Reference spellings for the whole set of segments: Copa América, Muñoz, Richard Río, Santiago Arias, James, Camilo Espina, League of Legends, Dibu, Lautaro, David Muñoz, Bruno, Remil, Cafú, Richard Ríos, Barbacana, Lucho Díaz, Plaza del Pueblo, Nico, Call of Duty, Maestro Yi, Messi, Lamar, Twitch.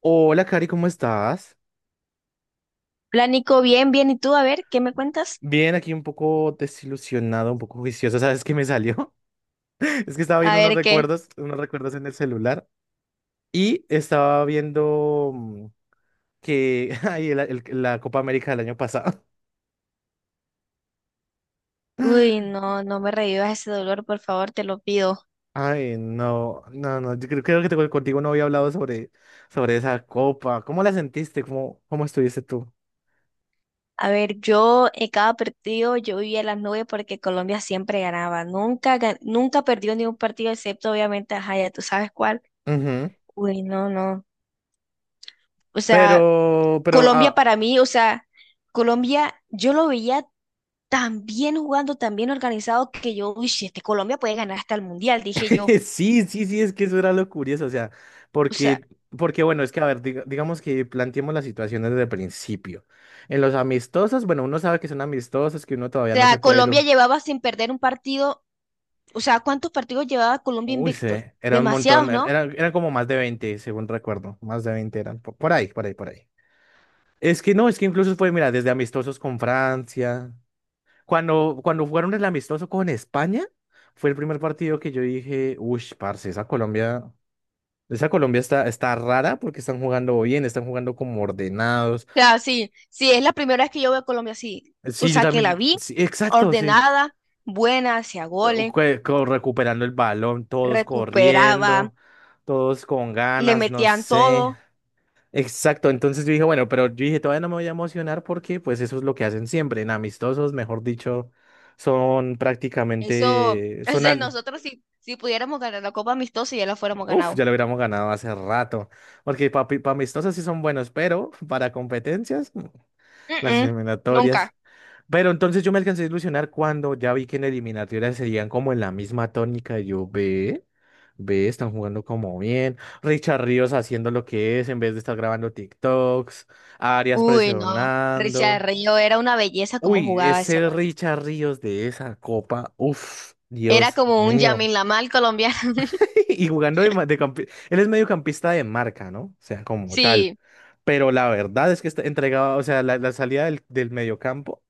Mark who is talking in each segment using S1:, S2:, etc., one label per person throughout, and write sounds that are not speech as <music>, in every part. S1: Hola, Cari, ¿cómo estás?
S2: Hola Nico, bien, bien. ¿Y tú? A ver, ¿qué me cuentas?
S1: Bien, aquí un poco desilusionado, un poco juicioso. ¿Sabes qué me salió? <laughs> Es que estaba
S2: A
S1: viendo
S2: ver qué.
S1: unos recuerdos en el celular y estaba viendo que <laughs> ay, la Copa América del año pasado.
S2: Uy,
S1: <laughs>
S2: no, no me revivas ese dolor, por favor, te lo pido.
S1: Ay, no, no, no. Creo que contigo no había hablado sobre, sobre esa copa. ¿Cómo la sentiste? ¿Cómo, cómo estuviste tú?
S2: A ver, yo en cada partido yo vivía las nubes porque Colombia siempre ganaba. Nunca, nunca perdió ningún partido, excepto obviamente, ajá, ya tú sabes cuál.
S1: Ujú.
S2: Uy, no, no. O sea,
S1: Pero, pero,
S2: Colombia
S1: ah,
S2: para mí, o sea, Colombia, yo lo veía tan bien jugando, tan bien organizado que yo, uy, si este Colombia puede ganar hasta el Mundial, dije
S1: <laughs>
S2: yo.
S1: Sí, sí, sí, es que eso era lo curioso, o sea,
S2: O sea,
S1: porque, porque bueno, es que a ver, digamos que planteemos la situación desde el principio. En los amistosos, bueno, uno sabe que son amistosos, que uno
S2: o
S1: todavía no
S2: sea,
S1: se puede...
S2: Colombia
S1: lo-.
S2: llevaba sin perder un partido. O sea, ¿cuántos partidos llevaba Colombia
S1: Uy,
S2: invicto?
S1: se era un montón,
S2: Demasiados, ¿no? O
S1: eran como más de 20, según recuerdo, más de 20 eran, por ahí, por ahí, por ahí. Es que no, es que incluso fue, mira, desde amistosos con Francia, cuando jugaron el amistoso con España, fue el primer partido que yo dije, uy, parce, esa Colombia... Esa Colombia está, está rara porque están jugando bien, están jugando como ordenados.
S2: sea, sí, sí, es la primera vez que yo veo a Colombia así. O
S1: Sí, yo
S2: sea, que la
S1: también.
S2: vi
S1: Sí, exacto, sí.
S2: ordenada, buena, hacía goles,
S1: Recuperando el balón, todos
S2: recuperaba,
S1: corriendo, todos con
S2: le
S1: ganas, no
S2: metían
S1: sé.
S2: todo.
S1: Exacto, entonces yo dije, bueno, pero yo dije, todavía no me voy a emocionar porque pues eso es lo que hacen siempre, en amistosos, mejor dicho, son
S2: Eso,
S1: prácticamente,
S2: <laughs> es
S1: son
S2: de
S1: al...
S2: nosotros si, si pudiéramos ganar la Copa Amistosa ya la fuéramos
S1: Uf, ya
S2: ganado.
S1: lo hubiéramos ganado hace rato, porque para amistosos sí son buenos, pero para competencias, <laughs> las
S2: Mm-mm, nunca.
S1: eliminatorias. Pero entonces yo me alcancé a ilusionar cuando ya vi que en eliminatorias serían como en la misma tónica. Y yo ve, están jugando como bien. Richard Ríos haciendo lo que es en vez de estar grabando TikToks. Arias
S2: Uy, no. Richard
S1: presionando.
S2: Río era una belleza como
S1: Uy,
S2: jugaba ese
S1: ese
S2: man.
S1: Richard Ríos de esa copa. Uf,
S2: Era
S1: Dios
S2: como un
S1: mío.
S2: Lamar colombiano. <laughs>
S1: <laughs> Y jugando de, él es mediocampista de marca, ¿no? O sea, como tal.
S2: Sí.
S1: Pero la verdad es que está entregaba, o sea, la salida del, del mediocampo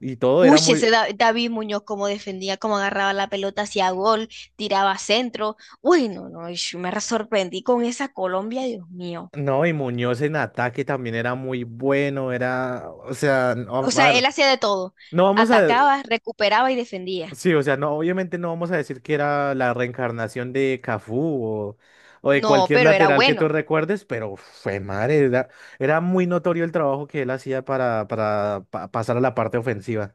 S1: y todo
S2: Uy,
S1: era
S2: ese
S1: muy.
S2: David Muñoz como defendía, como agarraba la pelota hacía gol, tiraba centro. Uy, no, no, ish, me sorprendí con esa Colombia, Dios mío.
S1: No, y Muñoz en ataque también era muy bueno, era, o sea, no,
S2: O
S1: a
S2: sea,
S1: ver,
S2: él hacía de todo.
S1: no vamos a,
S2: Atacaba, recuperaba y defendía.
S1: sí, o sea, no, obviamente no vamos a decir que era la reencarnación de Cafú o de
S2: No,
S1: cualquier
S2: pero era
S1: lateral que tú
S2: bueno.
S1: recuerdes, pero fue madre, era, era muy notorio el trabajo que él hacía para, pasar a la parte ofensiva.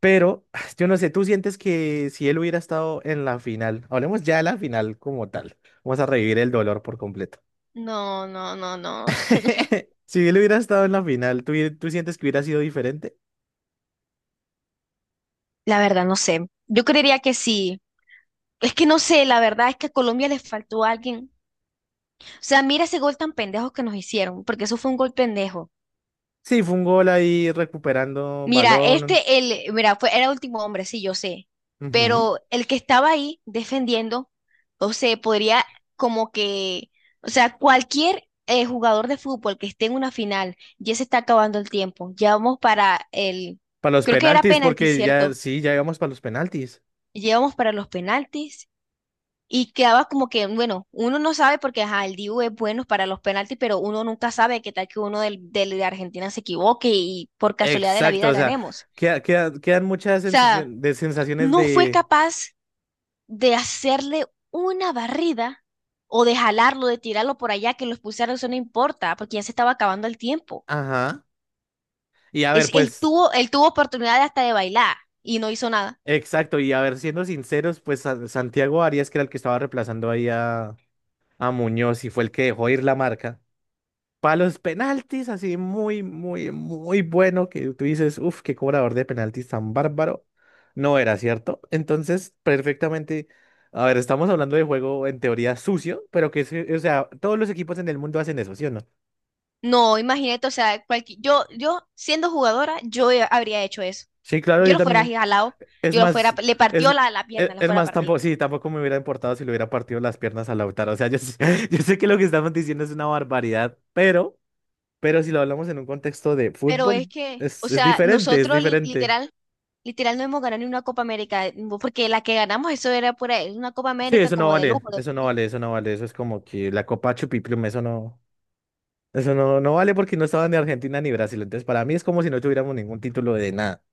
S1: Pero, <sighs> yo no sé, ¿tú sientes que si él hubiera estado en la final, hablemos ya de la final como tal, vamos a revivir el dolor por completo.
S2: No, no, no, no.
S1: <laughs> Si él hubiera estado en la final, ¿tú sientes que hubiera sido diferente?
S2: La verdad, no sé. Yo creería que sí. Es que no sé, la verdad es que a Colombia le faltó alguien. O sea, mira ese gol tan pendejo que nos hicieron, porque eso fue un gol pendejo.
S1: Sí, fue un gol ahí recuperando
S2: Mira,
S1: balón.
S2: este, el, mira, fue, era último hombre, sí, yo sé,
S1: Ujú.
S2: pero el que estaba ahí defendiendo, o sea, podría como que, o sea, cualquier jugador de fútbol que esté en una final, ya se está acabando el tiempo, ya vamos para el,
S1: Para los
S2: creo que era
S1: penaltis,
S2: penalti,
S1: porque ya,
S2: ¿cierto?
S1: sí, ya íbamos para los penaltis.
S2: Llevamos para los penaltis y quedaba como que, bueno, uno no sabe porque, ajá, el Dibu es bueno para los penaltis, pero uno nunca sabe qué tal que uno del, de Argentina se equivoque y por casualidad de la
S1: Exacto,
S2: vida
S1: o sea,
S2: ganemos.
S1: quedan
S2: O
S1: muchas
S2: sea,
S1: sensación- de sensaciones
S2: no fue
S1: de...
S2: capaz de hacerle una barrida o de jalarlo, de tirarlo por allá, que los pulsaron, eso no importa, porque ya se estaba acabando el tiempo.
S1: Ajá. Y a ver,
S2: Es,
S1: pues,
S2: él tuvo oportunidad hasta de bailar y no hizo nada.
S1: exacto, y a ver, siendo sinceros, pues Santiago Arias, que era el que estaba reemplazando ahí a Muñoz y fue el que dejó ir la marca. Para los penaltis, así muy, muy, muy bueno, que tú dices, uff, qué cobrador de penaltis tan bárbaro. No era cierto. Entonces, perfectamente. A ver, estamos hablando de juego en teoría sucio, pero que, o sea, todos los equipos en el mundo hacen eso, ¿sí o no?
S2: No, imagínate, o sea, yo, yo siendo jugadora, habría hecho eso.
S1: Sí, claro,
S2: Yo
S1: yo
S2: lo fuera
S1: también.
S2: jalado,
S1: Es
S2: yo lo fuera,
S1: más,
S2: le
S1: es,
S2: partió la, la
S1: es,
S2: pierna, la
S1: es
S2: fuera a
S1: más,
S2: partir.
S1: tampoco, sí, tampoco me hubiera importado si le hubiera partido las piernas a Lautaro. O sea, yo, sé- <laughs> yo sé que lo que estamos diciendo es una barbaridad, pero si lo hablamos en un contexto de
S2: Pero es
S1: fútbol,
S2: que, o
S1: es
S2: sea,
S1: diferente, es
S2: nosotros
S1: diferente.
S2: literal. Literal, no hemos ganado ni una Copa América, porque la que ganamos eso era pura, era una Copa
S1: Sí,
S2: América
S1: eso no
S2: como de
S1: vale,
S2: lujo, de
S1: eso no
S2: mentira.
S1: vale, eso no vale, eso es como que la Copa Chupiplum, eso no, no vale porque no estaba ni Argentina ni Brasil, entonces para mí es como si no tuviéramos ningún título de nada.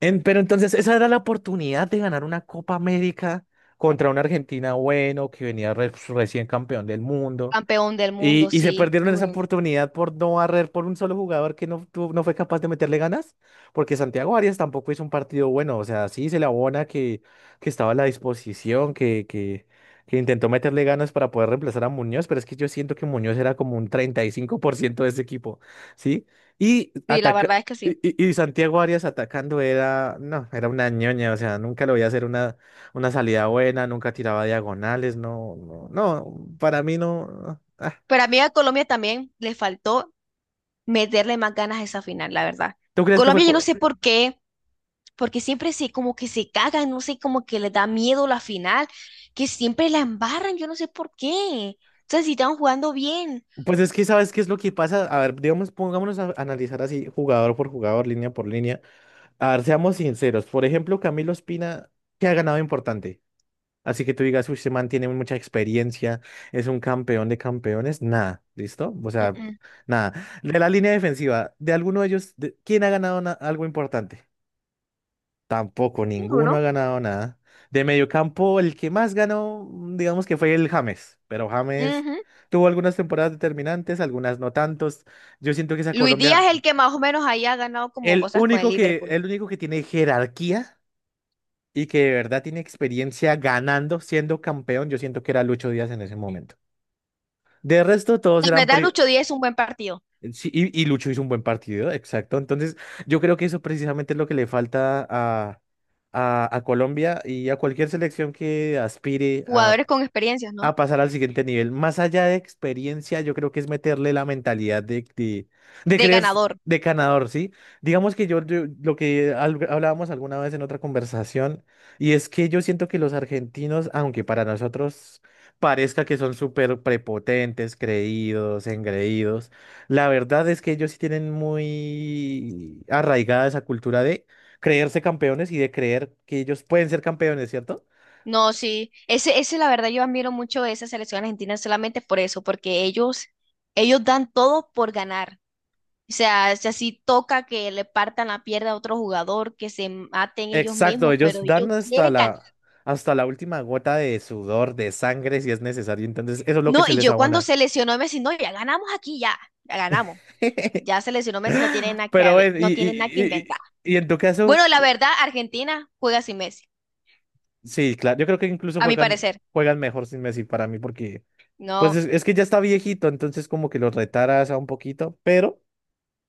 S1: En-, pero entonces esa era la oportunidad de ganar una Copa América contra una Argentina bueno que venía recién campeón del mundo.
S2: Campeón del mundo,
S1: Y se
S2: sí.
S1: perdieron esa
S2: Bueno.
S1: oportunidad por no barrer por un solo jugador que no, no fue capaz de meterle ganas, porque Santiago Arias tampoco hizo un partido bueno, o sea, sí se le abona que estaba a la disposición, que intentó meterle ganas para poder reemplazar a Muñoz, pero es que yo siento que Muñoz era como un 35% de ese equipo, ¿sí? Y,
S2: Sí, la
S1: ataca
S2: verdad es que sí.
S1: y, y Santiago Arias atacando era, no, era una ñoña, o sea, nunca lo veía hacer una salida buena, nunca tiraba diagonales, no, no, no, para mí no. Ah,
S2: Pero a mí a Colombia también le faltó meterle más ganas a esa final, la verdad.
S1: ¿tú crees que fue...?
S2: Colombia, yo no
S1: Cu-.
S2: sé por qué. Porque siempre se como que se cagan, no sé, como que les da miedo la final, que siempre la embarran, yo no sé por qué. O sea, si están jugando bien.
S1: Pues es que, ¿sabes qué es lo que pasa? A ver, digamos, pongámonos a analizar así, jugador por jugador, línea por línea. A ver, seamos sinceros. Por ejemplo, Camilo Espina, ¿qué ha ganado importante? Así que tú digas, uy, ese man tiene mucha experiencia, es un campeón de campeones. Nada, ¿listo? O
S2: Mm,
S1: sea,
S2: mm.
S1: nada. De la línea defensiva, de alguno de ellos, ¿quién ha ganado algo importante? Tampoco, ninguno
S2: Bruno.
S1: ha ganado nada. De mediocampo, el que más ganó, digamos que fue el James, pero James
S2: Ujú.
S1: tuvo algunas temporadas determinantes, algunas no tantos. Yo siento que esa
S2: Luis Díaz es el
S1: Colombia,
S2: que más o menos ahí ha ganado como cosas con el Liverpool.
S1: el único que tiene jerarquía y que de verdad tiene experiencia ganando, siendo campeón, yo siento que era Lucho Díaz en ese momento. De resto, todos
S2: La
S1: eran,
S2: verdad,
S1: pri-.
S2: Lucho Díaz es un buen partido.
S1: Sí, y Lucho hizo un buen partido, exacto. Entonces, yo creo que eso precisamente es lo que le falta a Colombia y a cualquier selección que aspire a
S2: Jugadores con experiencias, ¿no?
S1: a pasar al siguiente nivel. Más allá de experiencia, yo creo que es meterle la mentalidad de
S2: De
S1: creer
S2: ganador.
S1: de ganador, ¿sí? Digamos que yo, lo que hablábamos alguna vez en otra conversación, y es que yo siento que los argentinos, aunque para nosotros parezca que son súper prepotentes, creídos, engreídos, la verdad es que ellos sí tienen muy arraigada esa cultura de creerse campeones y de creer que ellos pueden ser campeones, ¿cierto?
S2: No, sí. Ese, la verdad, yo admiro mucho esa selección argentina solamente por eso, porque ellos dan todo por ganar. O sea, si así toca que le partan la pierna a otro jugador, que se maten ellos
S1: Exacto,
S2: mismos,
S1: ellos
S2: pero
S1: dan
S2: ellos quieren ganar.
S1: hasta la última gota de sudor, de sangre, si es necesario. Entonces, eso es lo que
S2: No,
S1: se
S2: y
S1: les
S2: yo cuando
S1: abona.
S2: se lesionó Messi, no, ya ganamos aquí, ya, ya ganamos. Ya
S1: <laughs>
S2: se lesionó Messi, no tiene nada que,
S1: Pero,
S2: no tiene nada que inventar.
S1: y en tu caso,
S2: Bueno, la verdad, Argentina juega sin Messi,
S1: sí, claro, yo creo que incluso
S2: a mi
S1: juegan,
S2: parecer.
S1: juegan mejor sin Messi para mí, porque, pues
S2: No,
S1: es que ya está viejito, entonces como que lo retaras a un poquito, pero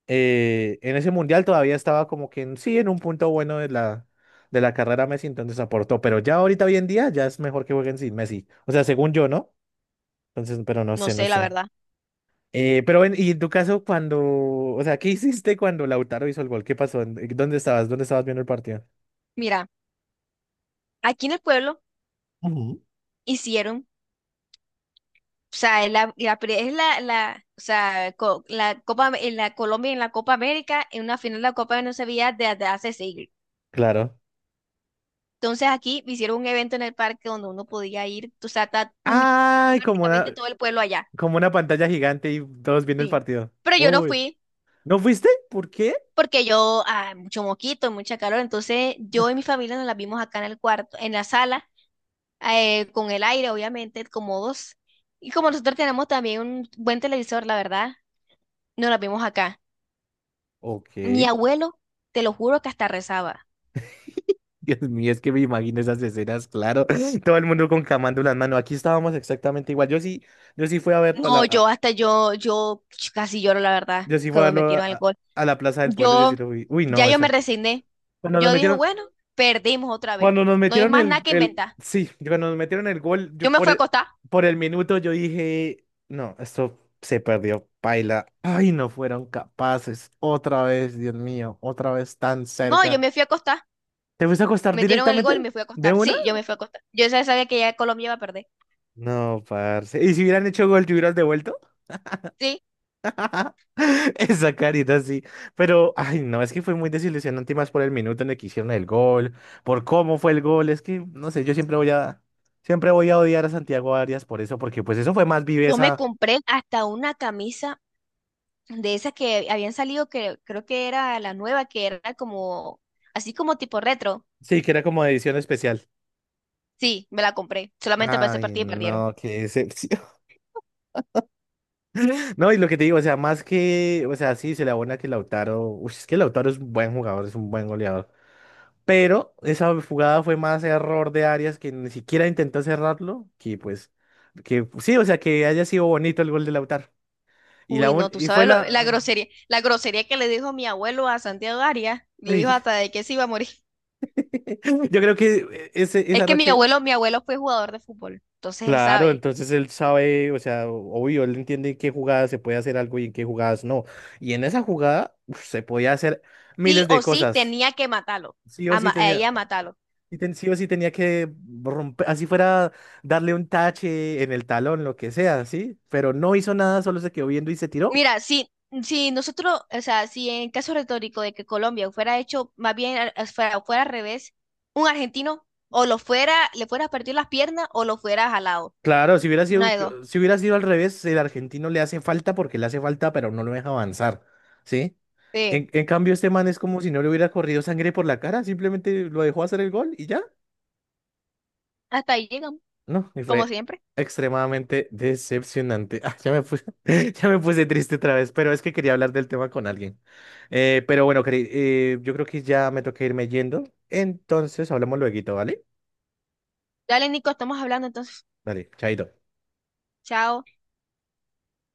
S1: en ese mundial todavía estaba como que en- sí, en un punto bueno de la carrera Messi, entonces aportó, pero ya ahorita hoy en día ya es mejor que jueguen sin Messi. O sea, según yo, ¿no? Entonces, pero no
S2: no
S1: sé, no
S2: sé, la
S1: sé.
S2: verdad.
S1: Pero en, y en tu caso, cuando, o sea, ¿qué hiciste cuando Lautaro hizo el gol? ¿Qué pasó? ¿En- ¿dónde estabas? ¿Dónde estabas viendo el partido?
S2: Mira, aquí en el pueblo
S1: Ujú.
S2: hicieron, o sea, es la, la es la, o sea, la Copa, en la Colombia en la Copa América, en una final de la Copa de no se veía desde hace siglos.
S1: Claro.
S2: Entonces aquí hicieron un evento en el parque donde uno podía ir, o sea,
S1: ¡Ay!
S2: prácticamente todo el pueblo allá.
S1: Como una pantalla gigante y todos viendo el
S2: Sí.
S1: partido.
S2: Pero yo no
S1: Uy.
S2: fui
S1: ¿No fuiste? ¿Por qué?
S2: porque yo, ah, mucho moquito, mucha calor, entonces yo y mi familia nos la vimos acá en el cuarto, en la sala, con el aire, obviamente, cómodos. Y como nosotros tenemos también un buen televisor, la verdad, nos la vimos acá.
S1: Ok.
S2: Mi
S1: <laughs>
S2: abuelo, te lo juro que hasta rezaba.
S1: Dios mío, es que me imagino esas escenas, claro. <laughs> Todo el mundo con camándulas, mano. Aquí estábamos exactamente igual. Yo sí, yo sí fui a verlo a la,
S2: No,
S1: a-
S2: yo casi lloro, la verdad,
S1: yo sí fui a
S2: cuando
S1: verlo
S2: metieron alcohol.
S1: a la Plaza del Pueblo, yo
S2: Yo,
S1: sí lo fui. Uy,
S2: ya
S1: no,
S2: yo me
S1: eso.
S2: resigné.
S1: Cuando nos
S2: Yo dije,
S1: metieron.
S2: bueno, perdimos otra vez.
S1: Cuando nos
S2: No hay
S1: metieron
S2: más nada que
S1: el,
S2: inventar.
S1: sí, cuando nos metieron el gol,
S2: Yo
S1: yo
S2: me fui a acostar.
S1: por el minuto yo dije, no, esto se perdió, paila. Ay, no fueron capaces. Otra vez, Dios mío, otra vez tan
S2: No, yo
S1: cerca.
S2: me fui a acostar.
S1: ¿Te fuiste a acostar
S2: Metieron el gol y
S1: directamente?
S2: me fui a
S1: ¿De
S2: acostar.
S1: una?
S2: Sí, yo me fui a acostar. Yo ya sabía que ya Colombia iba a perder.
S1: No, parce. ¿Y si hubieran hecho gol, te hubieras devuelto?
S2: Sí,
S1: <laughs> Esa carita, sí. Pero, ay, no, es que fue muy desilusionante y más por el minuto en el que hicieron el gol, por cómo fue el gol. Es que, no sé, yo siempre voy a odiar a Santiago Arias por eso, porque pues eso fue más
S2: yo me
S1: viveza.
S2: compré hasta una camisa de esas que habían salido, que creo que era la nueva, que era como, así como tipo retro.
S1: Sí, que era como de edición especial.
S2: Sí, me la compré, solamente para ese
S1: Ay,
S2: partido y perdieron.
S1: no, qué decepción. <laughs> No, y lo que te digo, o sea, más que, o sea, sí, se le abona que Lautaro, uy, es que Lautaro es un buen jugador, es un buen goleador. Pero esa jugada fue más error de Arias que ni siquiera intentó cerrarlo, que pues, que sí, o sea, que haya sido bonito el gol de Lautaro. Y, la,
S2: Uy,
S1: un-
S2: no, tú
S1: y fue
S2: sabes
S1: la...
S2: la grosería que le dijo mi abuelo a Santiago Arias, le dijo
S1: Uy.
S2: hasta de que se iba a morir.
S1: <laughs> Yo creo que ese,
S2: Es
S1: esa
S2: que
S1: noche,
S2: mi abuelo fue jugador de fútbol, entonces él
S1: claro,
S2: sabe.
S1: entonces él sabe, o sea, obvio, él entiende en qué jugadas se puede hacer algo y en qué jugadas no. Y en esa jugada, uf, se podía hacer
S2: Sí
S1: miles de
S2: o sí
S1: cosas.
S2: tenía que matarlo,
S1: Sí o
S2: a,
S1: sí
S2: a ella
S1: tenía.
S2: matarlo.
S1: Y sí o sí tenía que romper, así fuera darle un tache en el talón, lo que sea, ¿sí? Pero no hizo nada, solo se quedó viendo y se tiró.
S2: Mira, si, si nosotros, o sea, si en caso retórico de que Colombia fuera hecho, más bien fuera, fuera al revés, un argentino o lo fuera, le fuera a partir las piernas o lo fuera jalado.
S1: Claro, si hubiera
S2: Una
S1: sido,
S2: de dos.
S1: si hubiera sido al revés, el argentino le hace falta porque le hace falta, pero no lo deja avanzar, ¿sí?
S2: Sí.
S1: En cambio, este man es como si no le hubiera corrido sangre por la cara, simplemente lo dejó hacer el gol y ya.
S2: Hasta ahí llegamos,
S1: No, y
S2: como
S1: fue
S2: siempre.
S1: extremadamente decepcionante. <laughs> Ah, ya me puse, <laughs> ya me puse triste otra vez, pero es que quería hablar del tema con alguien. Pero bueno, Cari, yo creo que ya me toca irme yendo. Entonces hablamos luego, ¿vale?
S2: Dale, Nico, estamos hablando entonces.
S1: Dale, chaito.
S2: Chao.